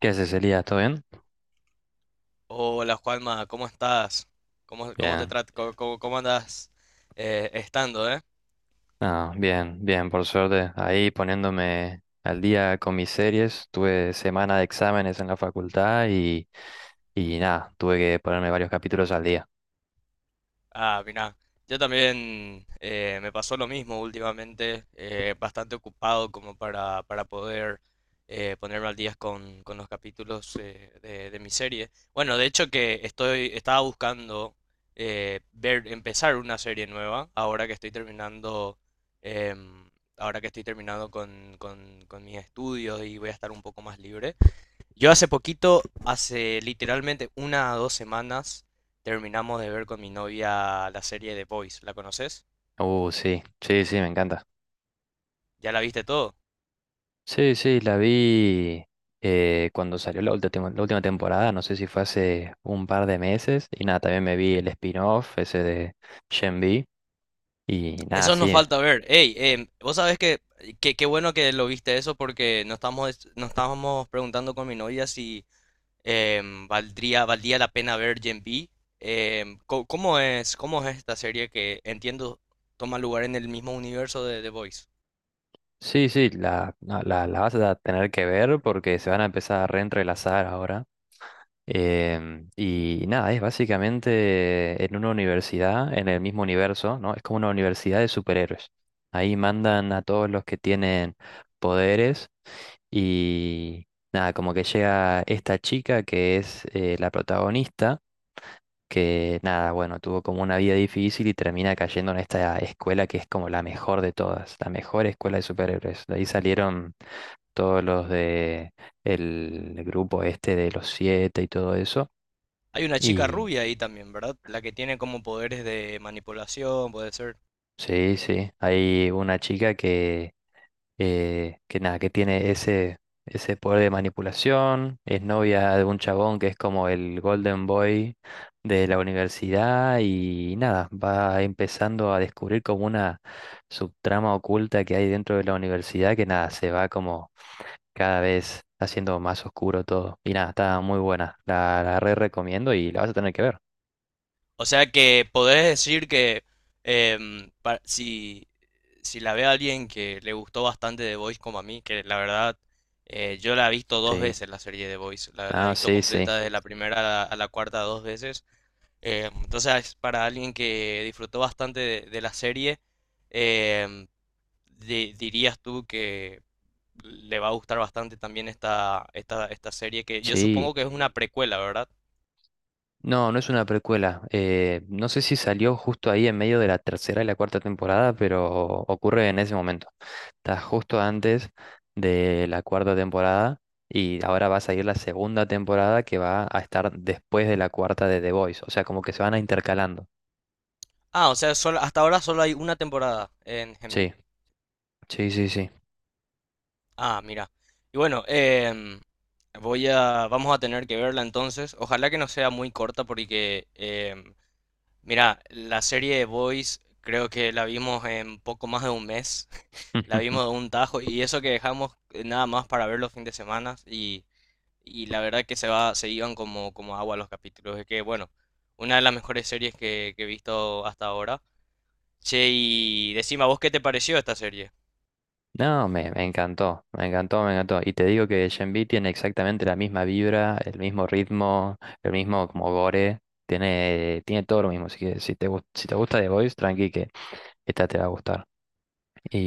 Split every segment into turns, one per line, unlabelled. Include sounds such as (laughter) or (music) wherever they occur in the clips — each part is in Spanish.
¿Qué haces, Elías? ¿Todo bien?
Hola Juanma, ¿cómo estás? ¿Cómo, cómo te
Bien.
tratas? ¿Cómo andas estando,
Ah, bien, bien, por suerte. Ahí poniéndome al día con mis series. Tuve semana de exámenes en la facultad y nada, tuve que ponerme varios capítulos al día.
Ah, mira, yo también me pasó lo mismo últimamente, bastante ocupado como para poder ponerme al día con los capítulos de mi serie. Bueno, de hecho que estaba buscando empezar una serie nueva, ahora que estoy terminando em, ahora que estoy terminando con mis estudios y voy a estar un poco más libre. Yo hace poquito, hace literalmente una o dos semanas, terminamos de ver con mi novia la serie The Boys. ¿La conoces?
Sí, sí, sí, me encanta.
¿Ya la viste todo?
Sí, sí, la vi cuando salió la última temporada, no sé si fue hace un par de meses. Y nada, también me vi el spin-off ese de Gen V. Y nada,
Eso nos
sí.
falta ver. Ey, vos sabés que, qué bueno que lo viste eso porque nos estábamos preguntando con mi novia si valdría la pena ver Gen B. ¿Cómo es esta serie que entiendo toma lugar en el mismo universo de The Voice?
Sí, sí, la vas a tener que ver porque se van a empezar a reentrelazar ahora. Y nada, es básicamente en una universidad, en el mismo universo, ¿no? Es como una universidad de superhéroes. Ahí mandan a todos los que tienen poderes y nada, como que llega esta chica que es la protagonista que nada, bueno, tuvo como una vida difícil y termina cayendo en esta escuela que es como la mejor de todas, la mejor escuela de superhéroes. De ahí salieron todos los de el grupo este de los siete y todo eso.
Hay una chica
Y
rubia ahí también, ¿verdad? La que tiene como poderes de manipulación, puede ser.
sí, sí, hay una chica que nada, que tiene ese, ese poder de manipulación, es novia de un chabón que es como el Golden Boy de la universidad y nada, va empezando a descubrir como una subtrama oculta que hay dentro de la universidad que nada, se va como cada vez haciendo más oscuro todo. Y nada, está muy buena, la re recomiendo y la vas a tener que ver.
O sea que podés decir que si, si la ve a alguien que le gustó bastante The Voice como a mí, que la verdad yo la he visto dos
Sí,
veces la serie The Voice, la he
ah,
visto. Ah,
sí, sí,
completa desde la, sí, primera a la cuarta dos veces. Entonces, para alguien que disfrutó bastante de la serie, em, dirías tú que le va a gustar bastante también esta serie que yo
sí.
supongo que es una precuela, ¿verdad?
No, no es una precuela. No sé si salió justo ahí en medio de la tercera y la cuarta temporada, pero ocurre en ese momento. Está justo antes de la cuarta temporada y ahora va a salir la segunda temporada que va a estar después de la cuarta de The Voice. O sea, como que se van a intercalando.
Ah, o sea, hasta ahora solo hay una temporada en Genbi.
Sí, sí, sí, sí.
Ah, mira. Y bueno, vamos a tener que verla entonces. Ojalá que no sea muy corta porque, mira, la serie de Boys creo que la vimos en poco más de un mes. (laughs) La vimos
(laughs)
de un tajo y eso que dejamos nada más para ver los fines de semana y… Y la verdad que se iban como, como agua los capítulos. Es que, bueno, una de las mejores series que he visto hasta ahora. Che, y decime, ¿a vos qué te pareció esta serie?
No, me encantó, me encantó, me encantó. Y te digo que Shenmue tiene exactamente la misma vibra, el mismo ritmo, el mismo como gore, tiene, tiene todo lo mismo. Así que si te, gus- si te gusta The Voice, tranqui que esta te va a gustar.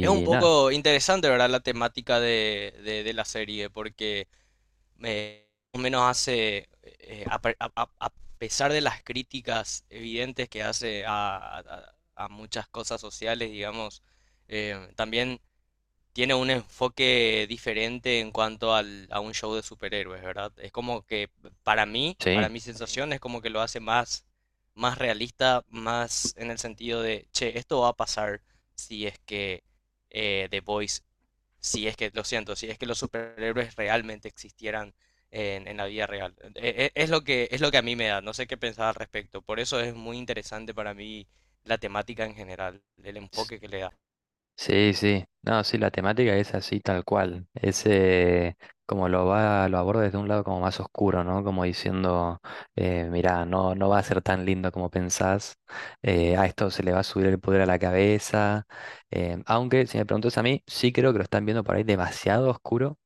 Es un
nada,
poco interesante, ¿verdad? La temática de la serie, porque más o menos hace, a, pe- a pesar de las críticas evidentes que hace a muchas cosas sociales, digamos, también tiene un enfoque diferente en cuanto al, a un show de superhéroes, ¿verdad? Es como que para mí, para
sí.
mi sensación, es como que lo hace más realista, más en el sentido de, che, esto va a pasar si es que eh, The Voice, si es que, lo siento, si es que los superhéroes realmente existieran en la vida real. Es lo que, es lo que a mí me da, no sé qué pensar al respecto. Por eso es muy interesante para mí la temática en general, el enfoque que le da.
Sí, sí. No, sí, la temática es así tal cual. Es como lo va, lo aborda desde un lado como más oscuro, ¿no? Como diciendo, mirá, no, no va a ser tan lindo como pensás. A esto se le va a subir el poder a la cabeza. Aunque, si me preguntas a mí, sí creo que lo están viendo por ahí demasiado oscuro.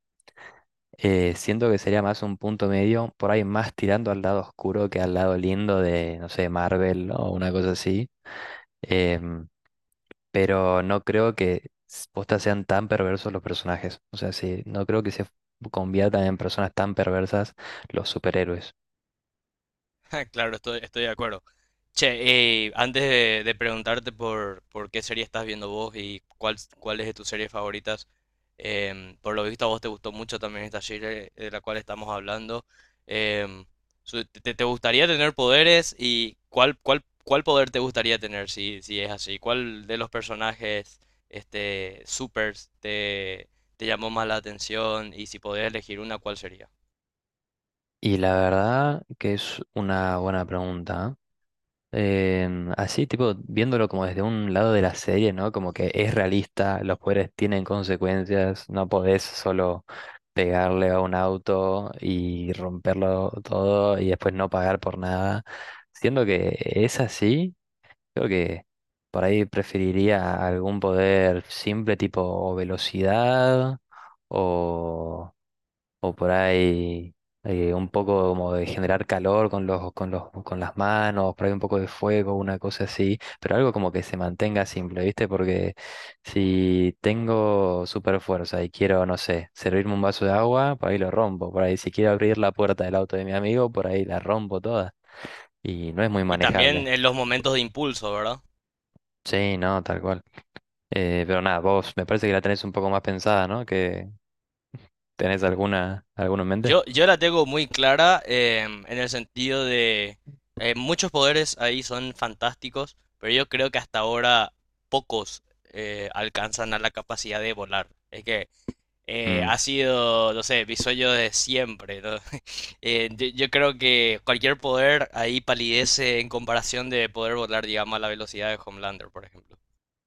Siento que sería más un punto medio, por ahí más tirando al lado oscuro que al lado lindo de, no sé, Marvel, ¿no? O una cosa así. Em, pero no creo que s- posta sean tan perversos los personajes. O sea, sí, no creo que se conviertan en personas tan perversas los superhéroes.
(laughs) Claro, estoy de acuerdo. Che, antes de preguntarte por qué serie estás viendo vos y cuál es de tus series favoritas, por lo visto a vos te gustó mucho también esta serie de la cual estamos hablando. em, te gustaría tener poderes y cuál poder te gustaría tener si, si es así? ¿Cuál de los personajes este, supers te llamó más la atención y si podías elegir una, cuál sería?
Y la verdad que es una buena pregunta. ¿Eh? Así, tipo, viéndolo como desde un lado de la serie, ¿no? Como que es realista, los poderes tienen consecuencias, no podés solo pegarle a un auto y romperlo todo y después no pagar por nada. Siendo que es así, creo que por ahí preferiría algún poder simple tipo o velocidad o, o por ahí un poco como de generar calor con los, con los, con las manos, por ahí un poco de fuego, una cosa así, pero algo como que se mantenga simple, ¿viste? Porque si tengo super fuerza y quiero, no sé, servirme un vaso de agua, por ahí lo rompo, por ahí si quiero abrir la puerta del auto de mi amigo, por ahí la rompo toda y no es muy
Y también
manejable.
en los momentos de impulso, ¿verdad?
Sí, no, tal cual. Pero nada, vos me parece que la tenés un poco más pensada, ¿no? Que tenés alguna, alguna en mente.
Yo la tengo muy clara en el sentido de muchos poderes ahí son fantásticos, pero yo creo que hasta ahora pocos alcanzan a la capacidad de volar. Es que
Mm,
ha sido, no sé, mi sueño de siempre, ¿no? (laughs) Yo creo que cualquier poder ahí palidece en comparación de poder volar, digamos, a la velocidad de Homelander, por ejemplo.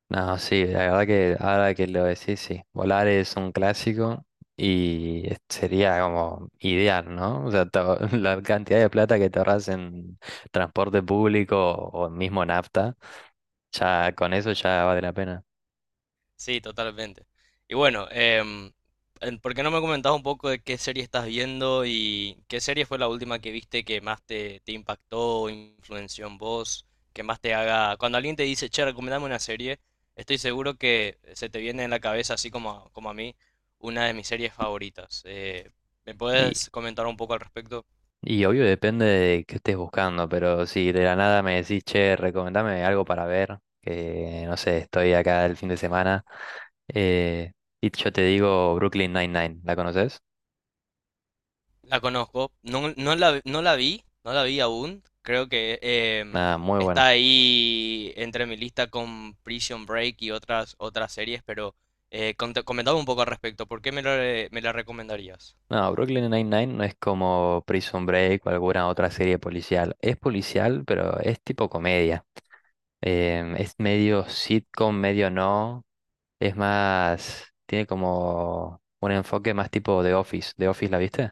no, sí, la verdad que ahora que lo decís, sí, volar es un clásico y es- sería como ideal, ¿no? O sea, te ahor- (laughs) la cantidad de plata que te ahorras en transporte público o mismo nafta, ya con eso ya vale la pena.
Sí, totalmente. Y bueno, ¿por qué no me comentabas un poco de qué serie estás viendo y qué serie fue la última que viste que más te impactó, o influenció en vos, que más te haga… Cuando alguien te dice, che, recomendame una serie, estoy seguro que se te viene en la cabeza, así como, como a mí, una de mis series favoritas. ¿Me puedes comentar un poco al respecto?
Y obvio depende de qué estés buscando, pero si de la nada me decís, che, recomendame algo para ver, que no sé, estoy acá el fin de semana, eh, y yo te digo Brooklyn Nine-Nine, ¿la conoces?
La conozco, no, no la vi, no la vi aún. Creo que
Nada, muy
está
buena.
ahí entre mi lista con Prison Break y otras series, pero comentame un poco al respecto. ¿Por qué me la recomendarías?
No, Brooklyn Nine-Nine no es como Prison Break o alguna otra serie policial. Es policial, pero es tipo comedia. Es medio sitcom, medio no. Es más, tiene como un enfoque más tipo The Office. ¿The Office la viste?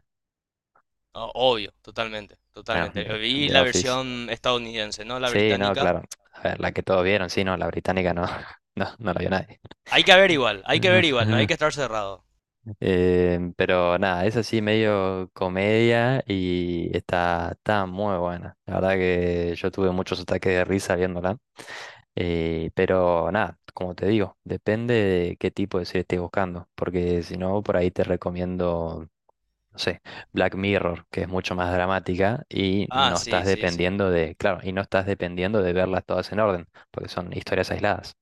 Obvio, totalmente,
Bueno,
totalmente.
The
Vi
The
la
Office.
versión estadounidense, no la
Sí, no,
británica.
claro. A ver, la que todos vieron, sí, no, la británica no, (laughs) no, no la vio nadie.
Hay que ver igual, hay que ver igual, no hay
(laughs)
que estar cerrado.
Pero nada, es así medio comedia y está, está muy buena. La verdad que yo tuve muchos ataques de risa viéndola. Pero nada, como te digo, depende de qué tipo de serie estés buscando. Porque si no, por ahí te recomiendo, no sé, Black Mirror, que es mucho más dramática y
Ah,
no
sí,
estás
sí, sí.
dependiendo de, claro, y no estás dependiendo de verlas todas en orden, porque son historias aisladas.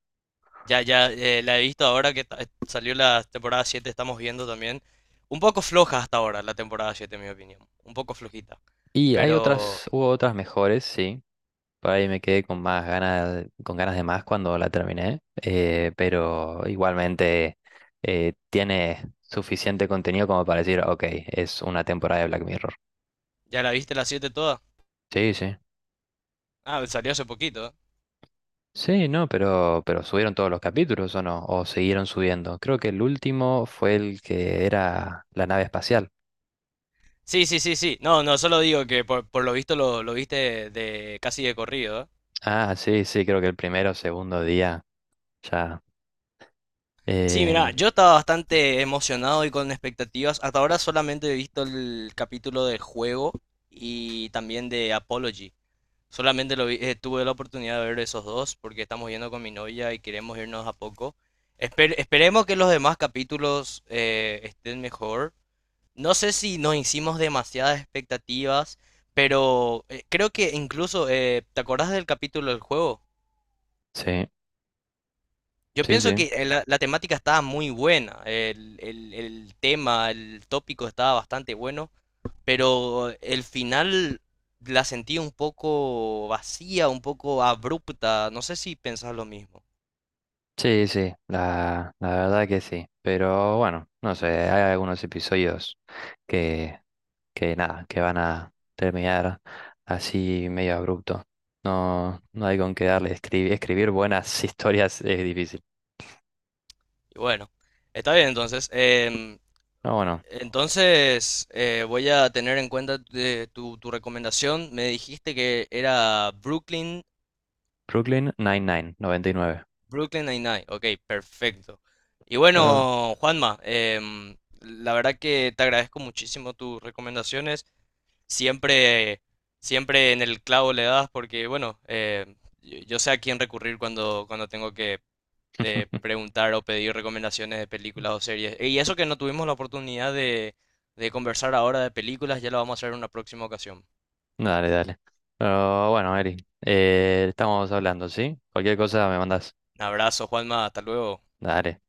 Ya, ya, la he visto ahora que salió la temporada 7 estamos viendo también. Un poco floja hasta ahora la temporada 7 en mi opinión. Un poco flojita.
Y hay
Pero,
otras, hubo otras mejores, sí. Por ahí me quedé con más ganas, con ganas de más cuando la terminé. Pero igualmente tiene suficiente contenido como para decir, ok, es una temporada de Black Mirror.
¿ya la viste la 7 toda?
Sí, sí.
Ah, salió hace poquito. ¿Eh?
Sí, no, pero subieron todos los capítulos o no, o siguieron subiendo. Creo que el último fue el que era la nave espacial.
Sí, sí, sí, sí. No, no, solo digo que por lo visto lo viste de casi de corrido. ¿Eh?
Ah, sí, sí, creo que el primero o segundo día ya.
Sí, mira,
eh,
yo estaba bastante emocionado y con expectativas. Hasta ahora solamente he visto el capítulo del juego y también de Apology. Tuve la oportunidad de ver esos dos porque estamos yendo con mi novia y queremos irnos a poco. Esperemos que los demás capítulos estén mejor. No sé si nos hicimos demasiadas expectativas, pero creo que incluso, ¿te acordás del capítulo del juego?
sí,
Yo
sí,
pienso que
sí.
la temática estaba muy buena, el tema, el tópico estaba bastante bueno. Pero el final la sentí un poco vacía, un poco abrupta. No sé si pensás lo mismo.
Sí, sí, la verdad que sí. Pero bueno, no sé, hay algunos episodios que, que nada, que van a terminar así medio abrupto. No, no hay con qué darle. Escribir, escribir buenas (laughs) historias es difícil.
Y bueno, está bien entonces.
No bueno,
Entonces voy a tener en cuenta de tu, tu recomendación. Me dijiste que era Brooklyn,
Brooklyn Nine-Nine, 99.
Brooklyn Nine-Nine. Ok, perfecto. Y
Pero,
bueno, Juanma, la verdad que te agradezco muchísimo tus recomendaciones. Siempre, siempre en el clavo le das porque, bueno, yo sé a quién recurrir cuando, cuando tengo que
(laughs)
preguntar o pedir recomendaciones de películas o series. Y eso que no tuvimos la oportunidad de conversar ahora de películas, ya lo vamos a hacer en una próxima ocasión.
dale, dale. Pero bueno, Eri, estamos hablando, ¿sí? Cualquier cosa me mandas.
Un abrazo, Juanma, hasta luego.
Dale.